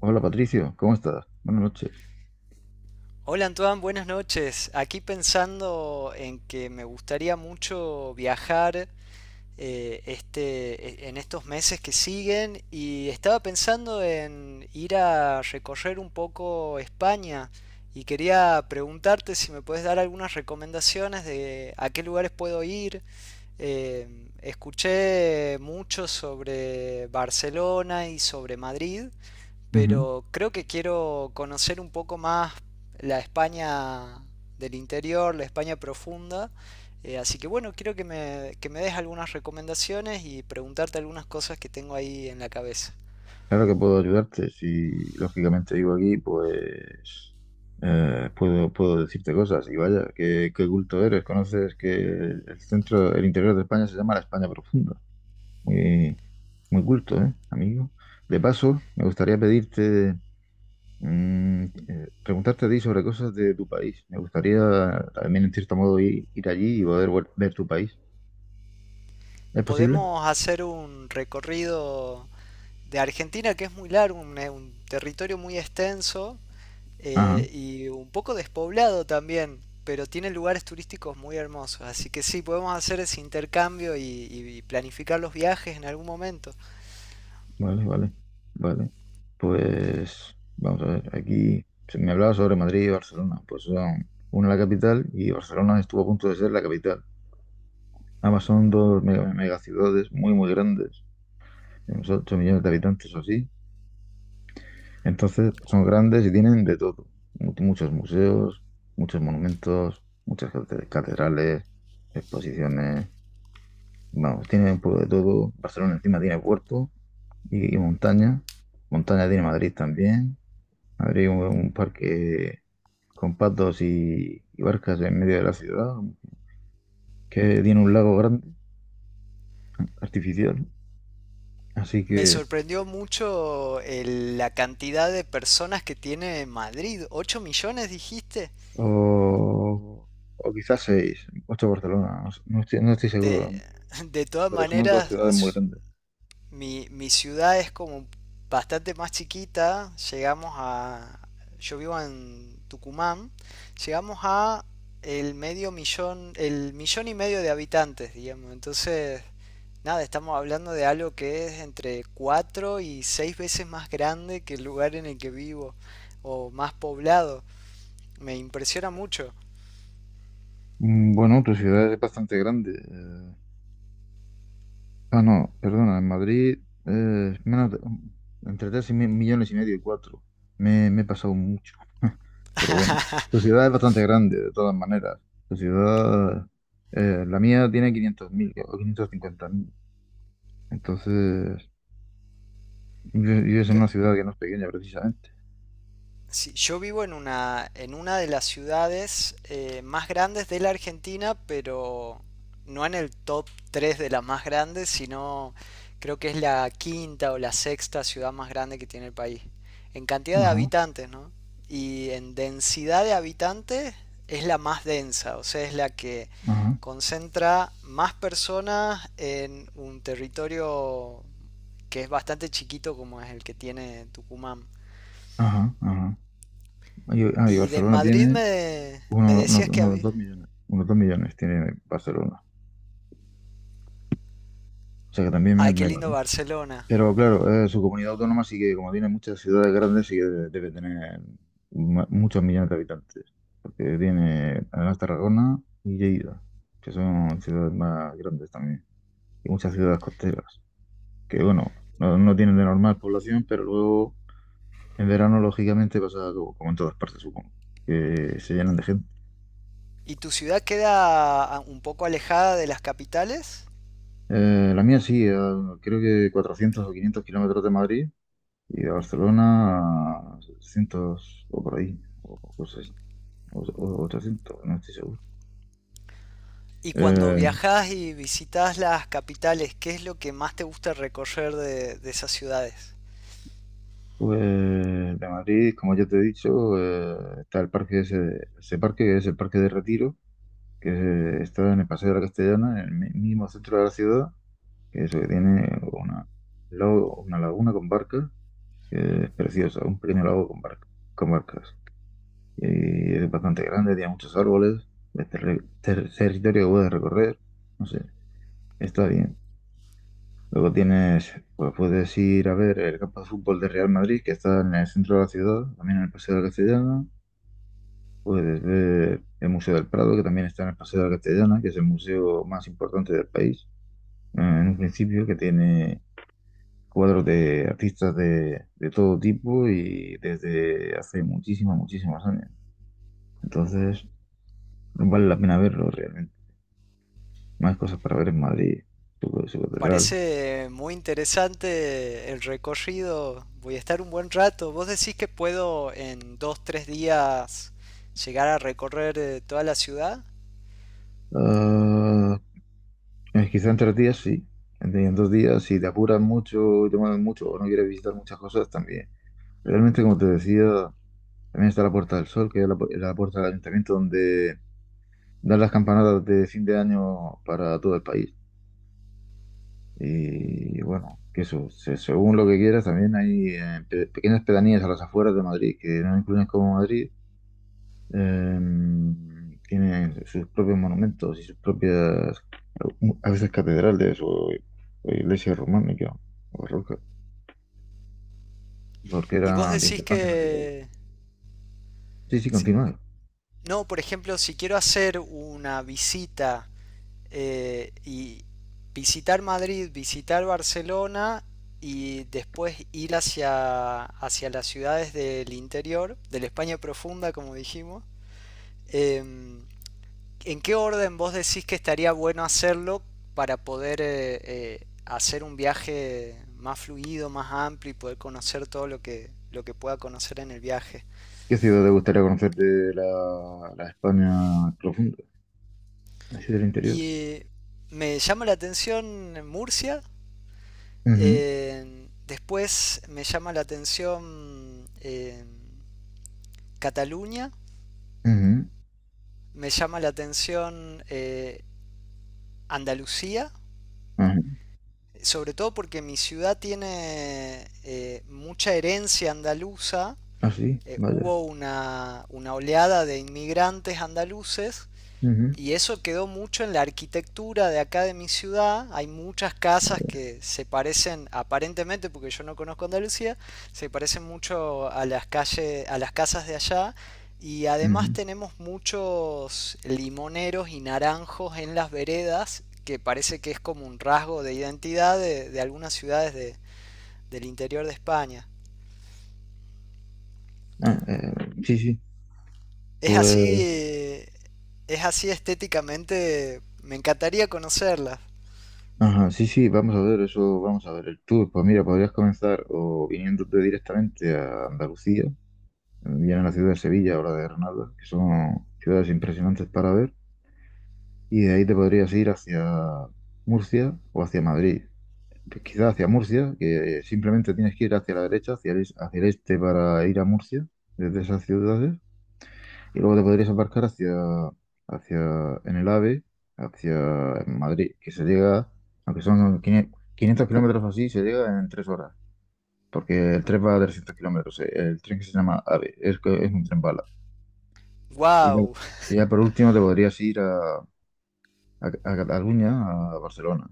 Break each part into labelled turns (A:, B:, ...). A: Hola Patricio, ¿cómo estás? Buenas noches.
B: Hola Antoine, buenas noches. Aquí pensando en que me gustaría mucho viajar en estos meses que siguen y estaba pensando en ir a recorrer un poco España y quería preguntarte si me puedes dar algunas recomendaciones de a qué lugares puedo ir. Eh, Escuché mucho sobre Barcelona y sobre Madrid,
A: Ujú.
B: pero creo que quiero conocer un poco más la España del interior, la España profunda. Así que bueno, quiero que me des algunas recomendaciones y preguntarte algunas cosas que tengo ahí en la cabeza.
A: Claro que puedo ayudarte. Si lógicamente vivo aquí, pues puedo decirte cosas. Y vaya, qué culto eres. Conoces que el centro, el interior de España se llama la España profunda. Muy, muy culto, ¿eh, amigo? De paso, me gustaría pedirte, preguntarte a ti sobre cosas de tu país. Me gustaría también, en cierto modo, ir allí y poder ver tu país. ¿Es posible?
B: Podemos hacer un recorrido de Argentina que es muy largo, un territorio muy extenso,
A: Ajá.
B: y un poco despoblado también, pero tiene lugares turísticos muy hermosos. Así que sí, podemos hacer ese intercambio y planificar los viajes en algún momento.
A: Vale, vale, vale. Pues vamos a ver, aquí se me hablaba sobre Madrid y Barcelona. Pues son una la capital y Barcelona estuvo a punto de ser la capital. Ambas son dos megaciudades muy, muy grandes, unos 8 millones de habitantes o así. Entonces, pues, son grandes y tienen de todo. Muchos museos, muchos monumentos, muchas catedrales, exposiciones. Vamos, tiene un poco de todo. Barcelona encima tiene puerto y montaña. Montaña tiene Madrid también. Habría un parque con patos y barcas en medio de la ciudad, que tiene un lago grande, artificial. Así
B: Me
A: que,
B: sorprendió mucho la cantidad de personas que tiene Madrid. ¿Ocho millones dijiste?
A: o, o quizás seis, ocho Barcelona, no sé, no estoy seguro,
B: De, de todas
A: pero son dos
B: maneras,
A: ciudades muy grandes.
B: Mi ciudad es como bastante más chiquita. Llegamos a... Yo vivo en Tucumán. Llegamos a el medio millón, el millón y medio de habitantes, digamos. Entonces, nada, estamos hablando de algo que es entre cuatro y seis veces más grande que el lugar en el que vivo o más poblado. Me impresiona mucho.
A: Bueno, tu ciudad es bastante grande. Ah, no, perdona, en Madrid, eh, menos de- entre 3 y millones y medio y cuatro. Me he pasado mucho. Pero bueno, tu ciudad es bastante grande, de todas maneras. Tu ciudad, la mía tiene 500.000 o 550.000. Entonces, yo vives en una ciudad que no es pequeña precisamente.
B: Sí, yo vivo en una de las ciudades más grandes de la Argentina, pero no en el top 3 de las más grandes, sino creo que es la quinta o la sexta ciudad más grande que tiene el país. En cantidad de
A: Ajá,
B: habitantes, ¿no? Y en densidad de habitantes es la más densa, o sea, es la que
A: ajá,
B: concentra más personas en un territorio que es bastante chiquito como es el que tiene Tucumán.
A: ajá, ajá. Y
B: Y de
A: Barcelona
B: Madrid
A: tiene
B: me decías que
A: unos
B: había...
A: 2 millones. Unos 2 millones tiene Barcelona. O sea que también me,
B: Ay, qué
A: me va.
B: lindo Barcelona.
A: Pero claro, su comunidad autónoma sí que, como tiene muchas ciudades grandes, sí que debe tener muchos millones de habitantes. Porque tiene además Tarragona y Lleida, que son ciudades más grandes también. Y muchas ciudades costeras, que bueno, no tienen de normal población, pero luego en verano, lógicamente, pasa como en todas partes, supongo, que se llenan de gente.
B: ¿Y tu ciudad queda un poco alejada de las capitales?
A: La mía sí, creo que 400 o 500 kilómetros de Madrid y de Barcelona a 600 o por ahí, o cosas así. O 300, no estoy seguro.
B: Y cuando
A: Eh,
B: viajas y visitas las capitales, ¿qué es lo que más te gusta recorrer de esas ciudades?
A: pues de Madrid, como ya te he dicho, está el parque ese, ese parque que es el Parque de Retiro, que está en el Paseo de la Castellana, en el mismo centro de la ciudad, que eso que tiene una laguna con barcas, que es preciosa, un pequeño lago con barcas. Y es bastante grande, tiene muchos árboles, es territorio que puedes recorrer, no sé, está bien. Luego tienes, pues puedes ir a ver el campo de fútbol de Real Madrid, que está en el centro de la ciudad, también en el Paseo de la Castellana. Puedes ver el Museo del Prado, que también está en el Paseo de la Castellana, que es el museo más importante del país, en un principio, que tiene cuadros de artistas de todo tipo y desde hace muchísimos, muchísimos años. Entonces, vale la pena verlo realmente. Más cosas para ver en Madrid, su catedral.
B: Parece muy interesante el recorrido. Voy a estar un buen rato. ¿Vos decís que puedo en dos, tres días llegar a recorrer toda la ciudad?
A: Ah, quizá en 3 días sí, en 2 días, si te apuras mucho, te mueves mucho o no quieres visitar muchas cosas también. Realmente, como te decía, también está la Puerta del Sol, que es la puerta del ayuntamiento donde dan las campanadas de fin de año para todo el país. Y bueno, que eso, según lo que quieras, también hay pequeñas pedanías a las afueras de Madrid, que no incluyen como Madrid. Tienen sus propios monumentos y sus propias, a veces catedrales o, iglesia románicas o rocas, porque
B: ¿Y vos
A: eran de
B: decís
A: importancia en la antigüedad.
B: que
A: Sí, sí,
B: si-
A: continúa.
B: no, por ejemplo, si quiero hacer una visita y visitar Madrid, visitar Barcelona y después ir hacia, hacia las ciudades del interior, de la España profunda, como dijimos, em, ¿en qué orden vos decís que estaría bueno hacerlo para poder hacer un viaje más fluido, más amplio y poder conocer todo lo que pueda conocer en el viaje?
A: ¿Qué ciudad te gustaría conocer de la España profunda, así del interior?
B: Y me llama la atención Murcia.
A: Ujú,
B: Después me llama la atención Cataluña,
A: ujú,
B: me llama la atención Andalucía,
A: ajá.
B: sobre todo porque mi ciudad tiene mucha herencia andaluza.
A: Ah, sí, vaya.
B: Hubo una oleada de inmigrantes andaluces.
A: Ujú,
B: Y eso quedó mucho en la arquitectura de acá de mi ciudad. Hay muchas casas
A: vaya.
B: que se parecen, aparentemente, porque yo no conozco Andalucía, se parecen mucho a las calles, a las casas de allá. Y además
A: Ujú.
B: tenemos muchos limoneros y naranjos en las veredas, que parece que es como un rasgo de identidad de algunas ciudades del interior de España.
A: Ah, sí, sí.
B: Es así,
A: Pues
B: es así estéticamente, me encantaría conocerlas.
A: ajá, sí, sí, vamos a ver eso, vamos a ver el tour. Pues mira, podrías comenzar o viniéndote directamente a Andalucía, bien a la ciudad de Sevilla o la de Granada, que son ciudades impresionantes para ver, y de ahí te podrías ir hacia Murcia o hacia Madrid. Pues quizá hacia Murcia, que simplemente tienes que ir hacia la derecha, hacia el este para ir a Murcia, desde esas ciudades. Y luego te podrías embarcar en el AVE, hacia Madrid, que se llega, aunque son 500 500 kilómetros o así, se llega en 3 horas, porque el tren va a 300 kilómetros, el tren que se llama AVE, que es un tren bala. Y ya,
B: ¡Wow!
A: por último te podrías ir a Cataluña, a Barcelona,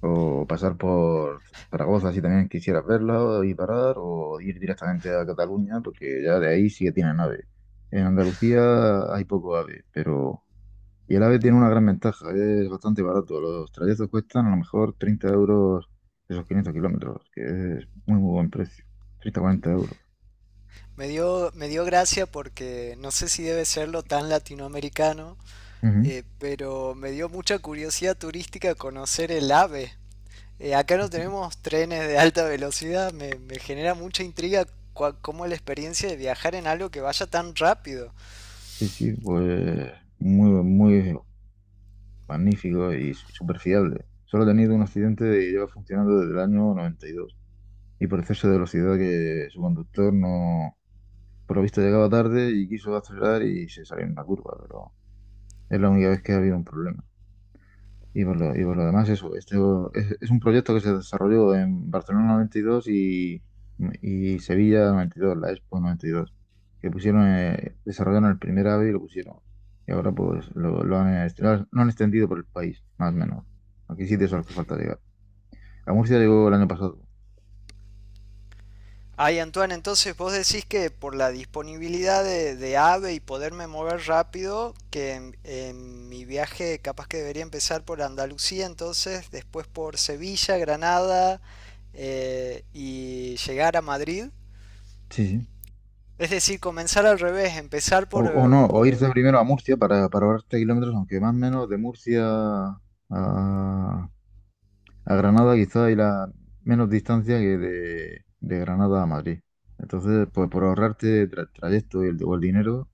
A: o pasar por Zaragoza si también quisieras verla y parar, o ir directamente a Cataluña, porque ya de ahí sí que tienen AVE. En Andalucía hay poco AVE, pero... Y el AVE tiene una gran ventaja, es bastante barato. Los trayectos cuestan a lo mejor 30 € esos 500 kilómetros, que es muy, muy buen precio. 30-40 euros.
B: Me dio gracia porque no sé si debe serlo tan latinoamericano,
A: Ujú.
B: pero me dio mucha curiosidad turística conocer el AVE. Acá no tenemos trenes de alta velocidad, me genera mucha intriga cómo es la experiencia de viajar en algo que vaya tan rápido.
A: Sí, sí, pues muy, muy magnífico y súper fiable. Solo ha tenido un accidente y lleva funcionando desde el año 92. Y dos. Y por exceso de velocidad que su conductor no, por lo visto llegaba tarde y quiso acelerar y se salió en una curva, pero es la única vez que ha habido un problema. Y por lo demás, eso, este es un proyecto que se desarrolló en Barcelona noventa y dos y Sevilla 92, la Expo 92, que pusieron, desarrollaron el primer AVE y lo pusieron. Y ahora pues lo han, est- lo han extendido por el país, más o menos. Aquí sí son los que falta llegar. A Murcia llegó el año pasado.
B: Ay, Antoine, entonces vos decís que por la disponibilidad de AVE y poderme mover rápido, que en mi viaje capaz que debería empezar por Andalucía, entonces después por Sevilla, Granada, y llegar a Madrid.
A: Sí, sí.
B: Es decir, comenzar al revés, empezar
A: O,
B: por,
A: o no, o irse primero a Murcia para ahorrarte kilómetros, aunque más o menos de Murcia a, a Granada quizá hay la menos distancia que de Granada a Madrid. Entonces, pues por ahorrarte el trayecto y o el dinero,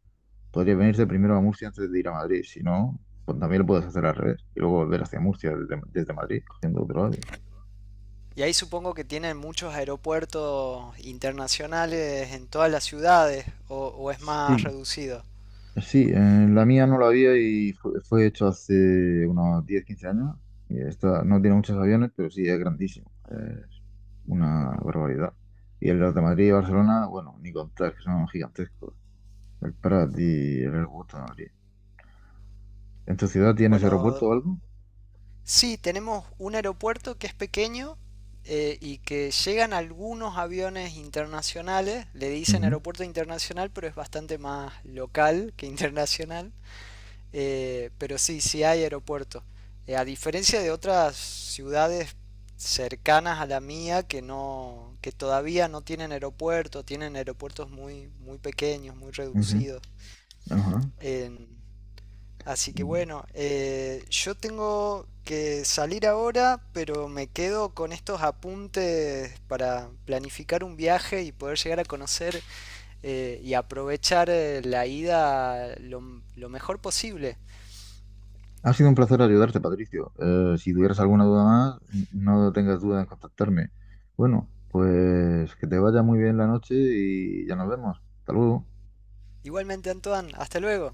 A: podrías venirte primero a Murcia antes de ir a Madrid. Si no, pues también lo puedes hacer al revés y luego volver hacia Murcia desde Madrid, cogiendo otro AVE.
B: y ahí supongo que tienen muchos aeropuertos internacionales en todas las ciudades, o es más
A: Sí,
B: reducido.
A: sí, la mía no la había y fue hecho hace unos 10 15 años. Y esta no tiene muchos aviones, pero sí es grandísimo. Es una barbaridad. Y en los de Madrid y Barcelona, bueno, ni contar, que son gigantescos. Para ti, el aeropuerto de Madrid. ¿En tu ciudad tienes
B: Bueno,
A: aeropuerto o algo?
B: sí, tenemos un aeropuerto que es pequeño y que llegan algunos aviones internacionales, le dicen
A: Ujú,
B: aeropuerto internacional, pero es bastante más local que internacional. Pero sí, sí hay aeropuerto. A diferencia de otras ciudades cercanas a la mía que no, que todavía no tienen aeropuerto, tienen aeropuertos muy, muy pequeños, muy
A: ujú,
B: reducidos.
A: ajá.
B: En, Así que
A: Mm.
B: bueno, yo tengo que salir ahora, pero me quedo con estos apuntes para planificar un viaje y poder llegar a conocer y aprovechar la ida lo mejor posible.
A: Ha sido un placer ayudarte, Patricio. Si tuvieras alguna duda más, no tengas duda en contactarme. Bueno, pues que te vaya muy bien la noche y ya nos vemos. Hasta luego.
B: Igualmente, Antoine, hasta luego.